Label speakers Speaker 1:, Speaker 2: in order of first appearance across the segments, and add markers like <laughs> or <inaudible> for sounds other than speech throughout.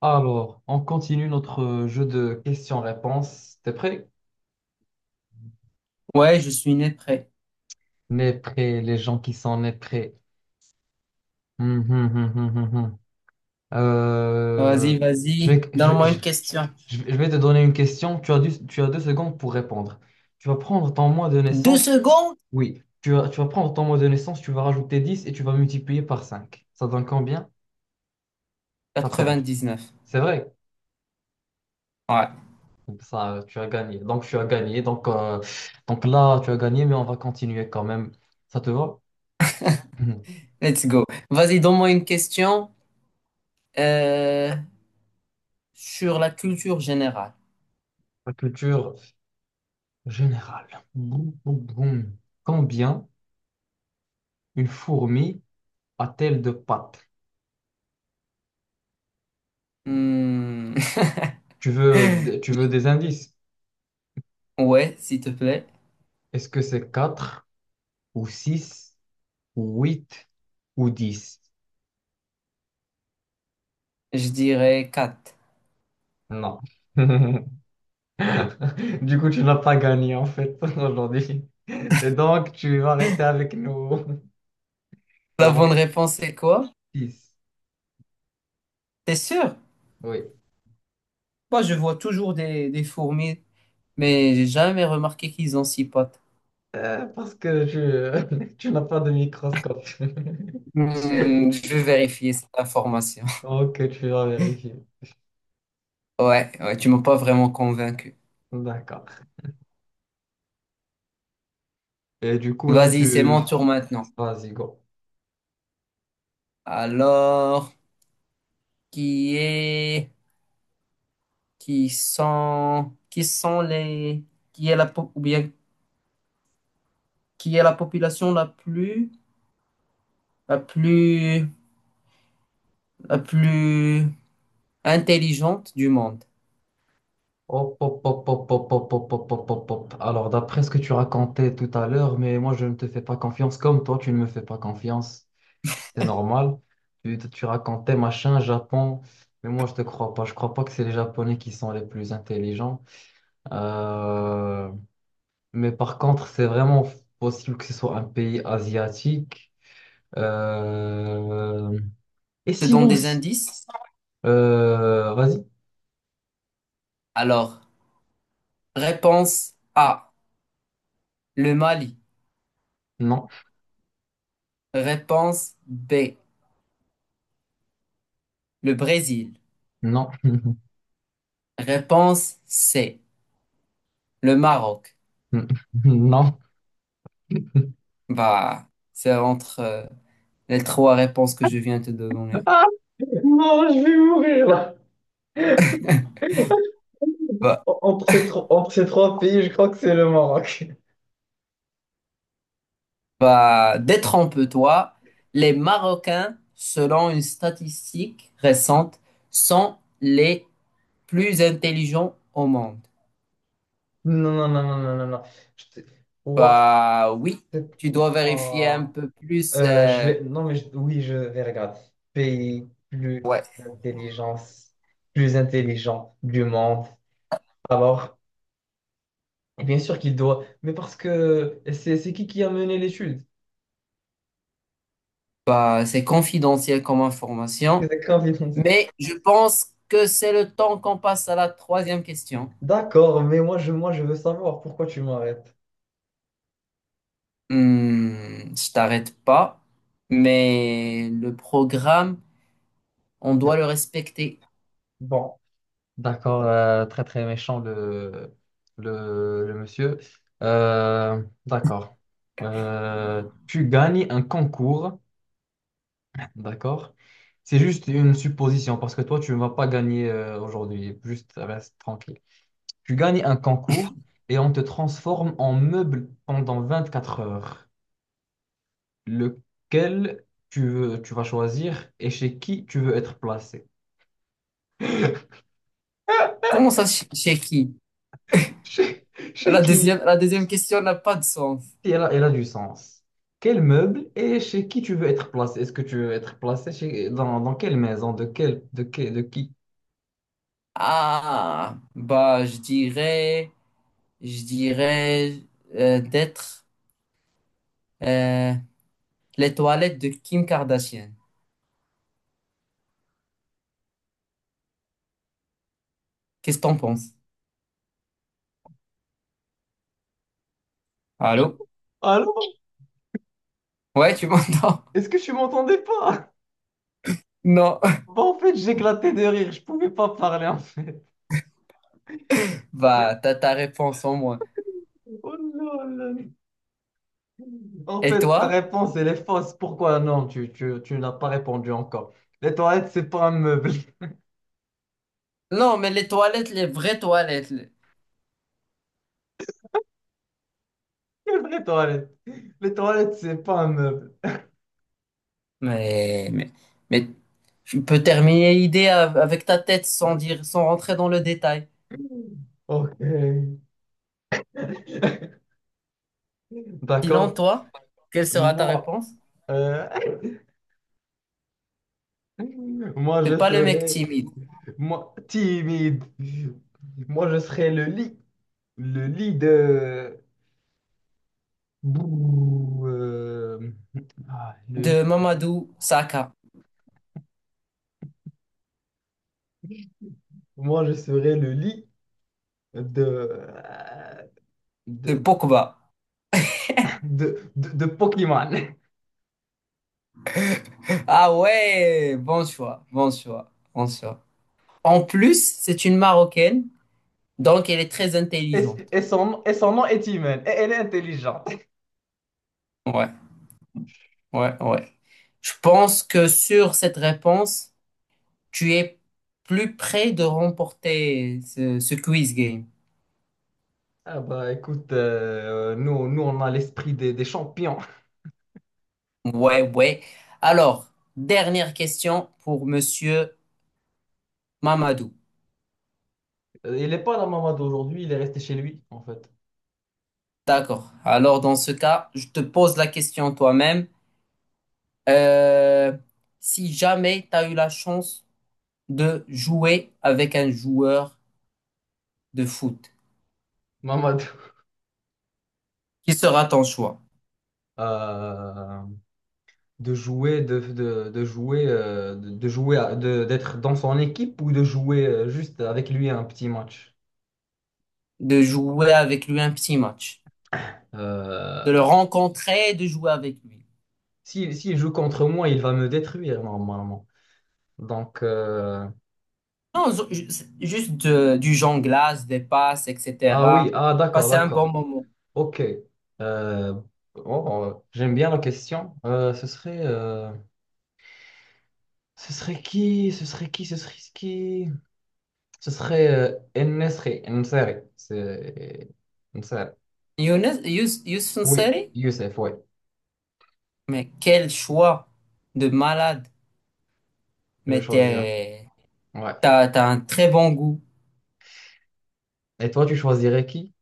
Speaker 1: Alors, on continue notre jeu de questions-réponses. T'es prêt?
Speaker 2: Ouais, je suis né prêt.
Speaker 1: N'est prêt, les gens qui sont nés prêts. Hum, hum, hum, hum, hum, hum. Euh,
Speaker 2: Vas-y,
Speaker 1: je
Speaker 2: vas-y.
Speaker 1: vais, je,
Speaker 2: Donne-moi
Speaker 1: je-
Speaker 2: une question.
Speaker 1: je vais te donner une question. Tu as deux secondes pour répondre. Tu vas prendre ton mois de
Speaker 2: Deux
Speaker 1: naissance.
Speaker 2: secondes?
Speaker 1: Oui. Tu vas prendre ton mois de naissance, tu vas rajouter 10 et tu vas multiplier par 5. Ça donne combien? T'as perdu.
Speaker 2: Quatre-vingt-dix-neuf.
Speaker 1: C'est vrai.
Speaker 2: Ouais,
Speaker 1: Ça, tu as gagné. Donc, tu as gagné. Donc là, tu as gagné, mais on va continuer quand même. Ça te va?
Speaker 2: let's go. Vas-y, donne-moi une question euh, sur la culture générale.
Speaker 1: La culture générale. Boum, boum, boum. Combien une fourmi a-t-elle de pattes?
Speaker 2: Hmm,
Speaker 1: Tu veux des indices?
Speaker 2: <laughs> ouais, s'il te plaît.
Speaker 1: Est-ce que c'est 4 ou 6 ou 8 ou dix?
Speaker 2: Je dirais 4.
Speaker 1: Non. <laughs> Du coup, tu n'as pas gagné en fait <laughs> aujourd'hui. Et donc, tu vas rester avec nous. <laughs>
Speaker 2: La
Speaker 1: La
Speaker 2: bonne
Speaker 1: réponse
Speaker 2: réponse, c'est quoi?
Speaker 1: 6.
Speaker 2: T'es sûr?
Speaker 1: Oui.
Speaker 2: Moi, je vois toujours des fourmis, mais j'ai jamais remarqué qu'ils ont six pattes.
Speaker 1: Parce que tu, <laughs> tu n'as pas de microscope.
Speaker 2: Hmm,
Speaker 1: <laughs>
Speaker 2: je vais vérifier cette information. <laughs>
Speaker 1: Ok, tu vas vérifier.
Speaker 2: Ouais, ouais, tu m'as pas vraiment convaincu.
Speaker 1: D'accord. Et du coup, là,
Speaker 2: Vas-y, c'est mon
Speaker 1: tu...
Speaker 2: tour maintenant.
Speaker 1: Vas-y, go.
Speaker 2: Alors, qui est, qui sont, qui sont les, qui est la, qui est la population la plus, la plus intelligente du monde?
Speaker 1: Hop, hop, hop, hop, hop, hop, hop, hop, hop, hop, hop. Alors, d'après ce que tu racontais tout à l'heure, mais moi, je ne te fais pas confiance comme toi, tu ne me fais pas confiance. C'est normal. Tu racontais machin, Japon, mais moi, je te crois pas. Je crois pas que c'est les Japonais qui sont les plus intelligents. Euh, Mais par contre, c'est vraiment possible que ce soit un pays asiatique. Euh, Et
Speaker 2: Je te donne
Speaker 1: sinon,
Speaker 2: des
Speaker 1: c-
Speaker 2: indices.
Speaker 1: vas-y.
Speaker 2: Alors, réponse A, le Mali.
Speaker 1: Non,
Speaker 2: Réponse B, le Brésil.
Speaker 1: non. <laughs>
Speaker 2: Réponse C, le Maroc.
Speaker 1: Mm. <laughs> Non.
Speaker 2: Bah, c'est entre les trois réponses que je viens de te donner.
Speaker 1: Non, je vais mourir là.
Speaker 2: Bah, bah, détrompe-toi. Les Marocains, selon une statistique récente, sont les plus intelligents au monde.
Speaker 1: Non, non, non, non, non, non, non. Je te- Ouah,
Speaker 2: Bah oui, tu dois vérifier un
Speaker 1: ouah.
Speaker 2: peu plus.
Speaker 1: Je vais. Non, mais je- oui, je vais regarder. Pays plus
Speaker 2: Ouais.
Speaker 1: intelligence, plus intelligent du monde. Alors, et bien sûr qu'il doit. Mais parce que c'est qui a mené l'étude?
Speaker 2: Bah, c'est confidentiel comme information,
Speaker 1: C'est <laughs>
Speaker 2: mais je pense que c'est le temps qu'on passe à la troisième question.
Speaker 1: d'accord, mais moi, je veux savoir pourquoi tu m'arrêtes.
Speaker 2: Hmm, je t'arrête pas, mais le programme, on
Speaker 1: D-
Speaker 2: doit le respecter.
Speaker 1: Bon. D'accord, très très méchant le monsieur. D'accord. Tu gagnes un concours, d'accord. C'est juste une supposition parce que toi, tu ne vas pas gagner aujourd'hui. Juste reste tranquille. Tu gagnes un concours et on te transforme en meuble pendant 24 heures. Lequel tu vas choisir et chez qui tu veux être placé? <laughs>
Speaker 2: Comment ça, chez qui?
Speaker 1: Chez, chez qui?
Speaker 2: La deuxième question n'a pas de sens.
Speaker 1: Si elle a, Elle a du sens. Quel meuble et chez qui tu veux être placé? Est-ce que tu veux être placé dans quelle maison? De qui?
Speaker 2: Ah, bah, je dirais d'être euh, les toilettes de Kim Kardashian. Qu'est-ce que t'en penses? Allô?
Speaker 1: Allô?
Speaker 2: Ouais, tu m'entends?
Speaker 1: Est-ce que tu m'entendais pas?
Speaker 2: <laughs> Non.
Speaker 1: Bah, en fait, j'éclatais de rire. Je pouvais pas parler, en fait.
Speaker 2: Bah, t'as ta réponse en moi.
Speaker 1: Oh là là. En
Speaker 2: Et
Speaker 1: fait, ta
Speaker 2: toi?
Speaker 1: réponse, elle est fausse. Pourquoi non? Tu n'as pas répondu encore. Les toilettes, c'est pas un meuble. <laughs>
Speaker 2: Non, mais les toilettes, les vraies toilettes.
Speaker 1: Les vraies toilettes. Les toilettes, c'est pas un meuble.
Speaker 2: Mais, mais, mais tu peux terminer l'idée avec ta tête sans dire, sans rentrer dans le détail.
Speaker 1: Ok. <laughs>
Speaker 2: Sinon,
Speaker 1: D'accord.
Speaker 2: toi, quelle sera ta
Speaker 1: Moi.
Speaker 2: réponse?
Speaker 1: euh, Moi, je
Speaker 2: C'est pas le mec
Speaker 1: serais,
Speaker 2: timide
Speaker 1: moi, timide. Moi, je serais le lit de... Bouh, euh, ah, le
Speaker 2: de
Speaker 1: lit de-
Speaker 2: Mamadou Saka,
Speaker 1: Moi, je serais le lit de...
Speaker 2: de
Speaker 1: De,
Speaker 2: Pogba.
Speaker 1: de Pokémon.
Speaker 2: Ah ouais, bon choix, bon choix, bon choix. En plus, c'est une Marocaine, donc elle est très intelligente.
Speaker 1: Et, et son nom est humain. Et elle est intelligente.
Speaker 2: Ouais, ouais, ouais. Je pense que sur cette réponse, tu es plus près de remporter ce quiz game.
Speaker 1: Ah bah écoute, nous on a l'esprit des champions.
Speaker 2: Ouais, ouais. Alors, dernière question pour Monsieur Mamadou.
Speaker 1: Il n'est pas dans Mamadou aujourd'hui, il est resté chez lui en fait.
Speaker 2: D'accord. Alors, dans ce cas, je te pose la question toi-même. Euh, si jamais tu as eu la chance de jouer avec un joueur de foot,
Speaker 1: Mamadou.
Speaker 2: qui sera ton choix?
Speaker 1: Euh, de jouer, à- de- d'être dans son équipe ou de jouer juste avec lui un petit match.
Speaker 2: De jouer avec lui un petit match,
Speaker 1: Euh,
Speaker 2: de le rencontrer, de jouer avec lui.
Speaker 1: Si s'il joue contre moi, il va me détruire normalement. Donc, euh,
Speaker 2: Non, juste du jonglage, des passes,
Speaker 1: ah oui,
Speaker 2: etc.
Speaker 1: ah d'accord,
Speaker 2: Passer un bon
Speaker 1: d'accord.
Speaker 2: moment.
Speaker 1: Ok. Euh, oh, J'aime bien la question. Ce serait qui? Ce serait qui? Ce serait qui? Ce serait El Nseri. C'est El Nseri.
Speaker 2: Youssef
Speaker 1: Oui,
Speaker 2: N'Seri?
Speaker 1: Youssef, oui.
Speaker 2: Mais quel choix de malade.
Speaker 1: Je
Speaker 2: Mais
Speaker 1: choisis.
Speaker 2: t'es-
Speaker 1: Ouais.
Speaker 2: T'as, t'as un très bon goût.
Speaker 1: Et toi, tu choisirais qui?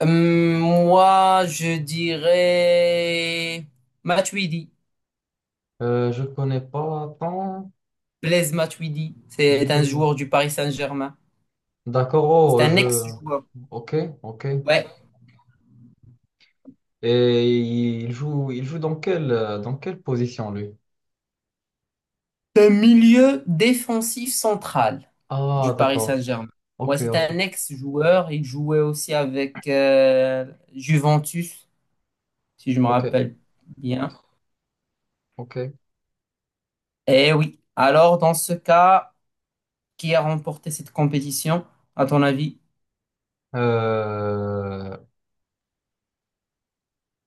Speaker 2: Moi, je dirais Matuidi.
Speaker 1: Je connais pas tant
Speaker 2: Blaise Matuidi. C'est un
Speaker 1: Blaise, non.
Speaker 2: joueur du Paris Saint-Germain.
Speaker 1: D'accord,
Speaker 2: C'est
Speaker 1: oh,
Speaker 2: un
Speaker 1: je...
Speaker 2: ex-joueur.
Speaker 1: Ok, ok.
Speaker 2: Ouais.
Speaker 1: Et il joue dans dans quelle position, lui?
Speaker 2: C'est un milieu défensif central
Speaker 1: Ah,
Speaker 2: du Paris
Speaker 1: d'accord.
Speaker 2: Saint-Germain. Moi,
Speaker 1: Ok,
Speaker 2: c'est
Speaker 1: ok,
Speaker 2: un ex-joueur. Il jouait aussi avec Juventus, si je me
Speaker 1: ok,
Speaker 2: rappelle bien.
Speaker 1: ok.
Speaker 2: Eh oui. Alors, dans ce cas, qui a remporté cette compétition, à ton avis?
Speaker 1: Euh,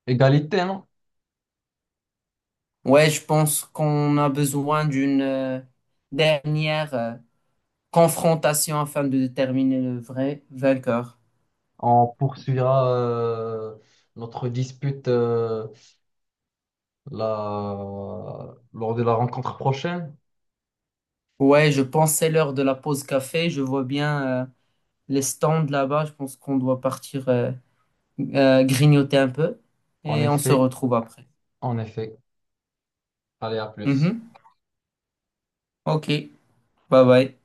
Speaker 1: Égalité, non?
Speaker 2: Ouais, je pense qu'on a besoin d'une dernière confrontation afin de déterminer le vrai vainqueur.
Speaker 1: On poursuivra notre dispute la... lors de la rencontre prochaine.
Speaker 2: Ouais, je pense que c'est l'heure de la pause café. Je vois bien. Les stands là-bas. Je pense qu'on doit partir grignoter un peu
Speaker 1: En
Speaker 2: et on se
Speaker 1: effet,
Speaker 2: retrouve après.
Speaker 1: en effet. Allez, à plus.
Speaker 2: Mhm. Ok, bye bye.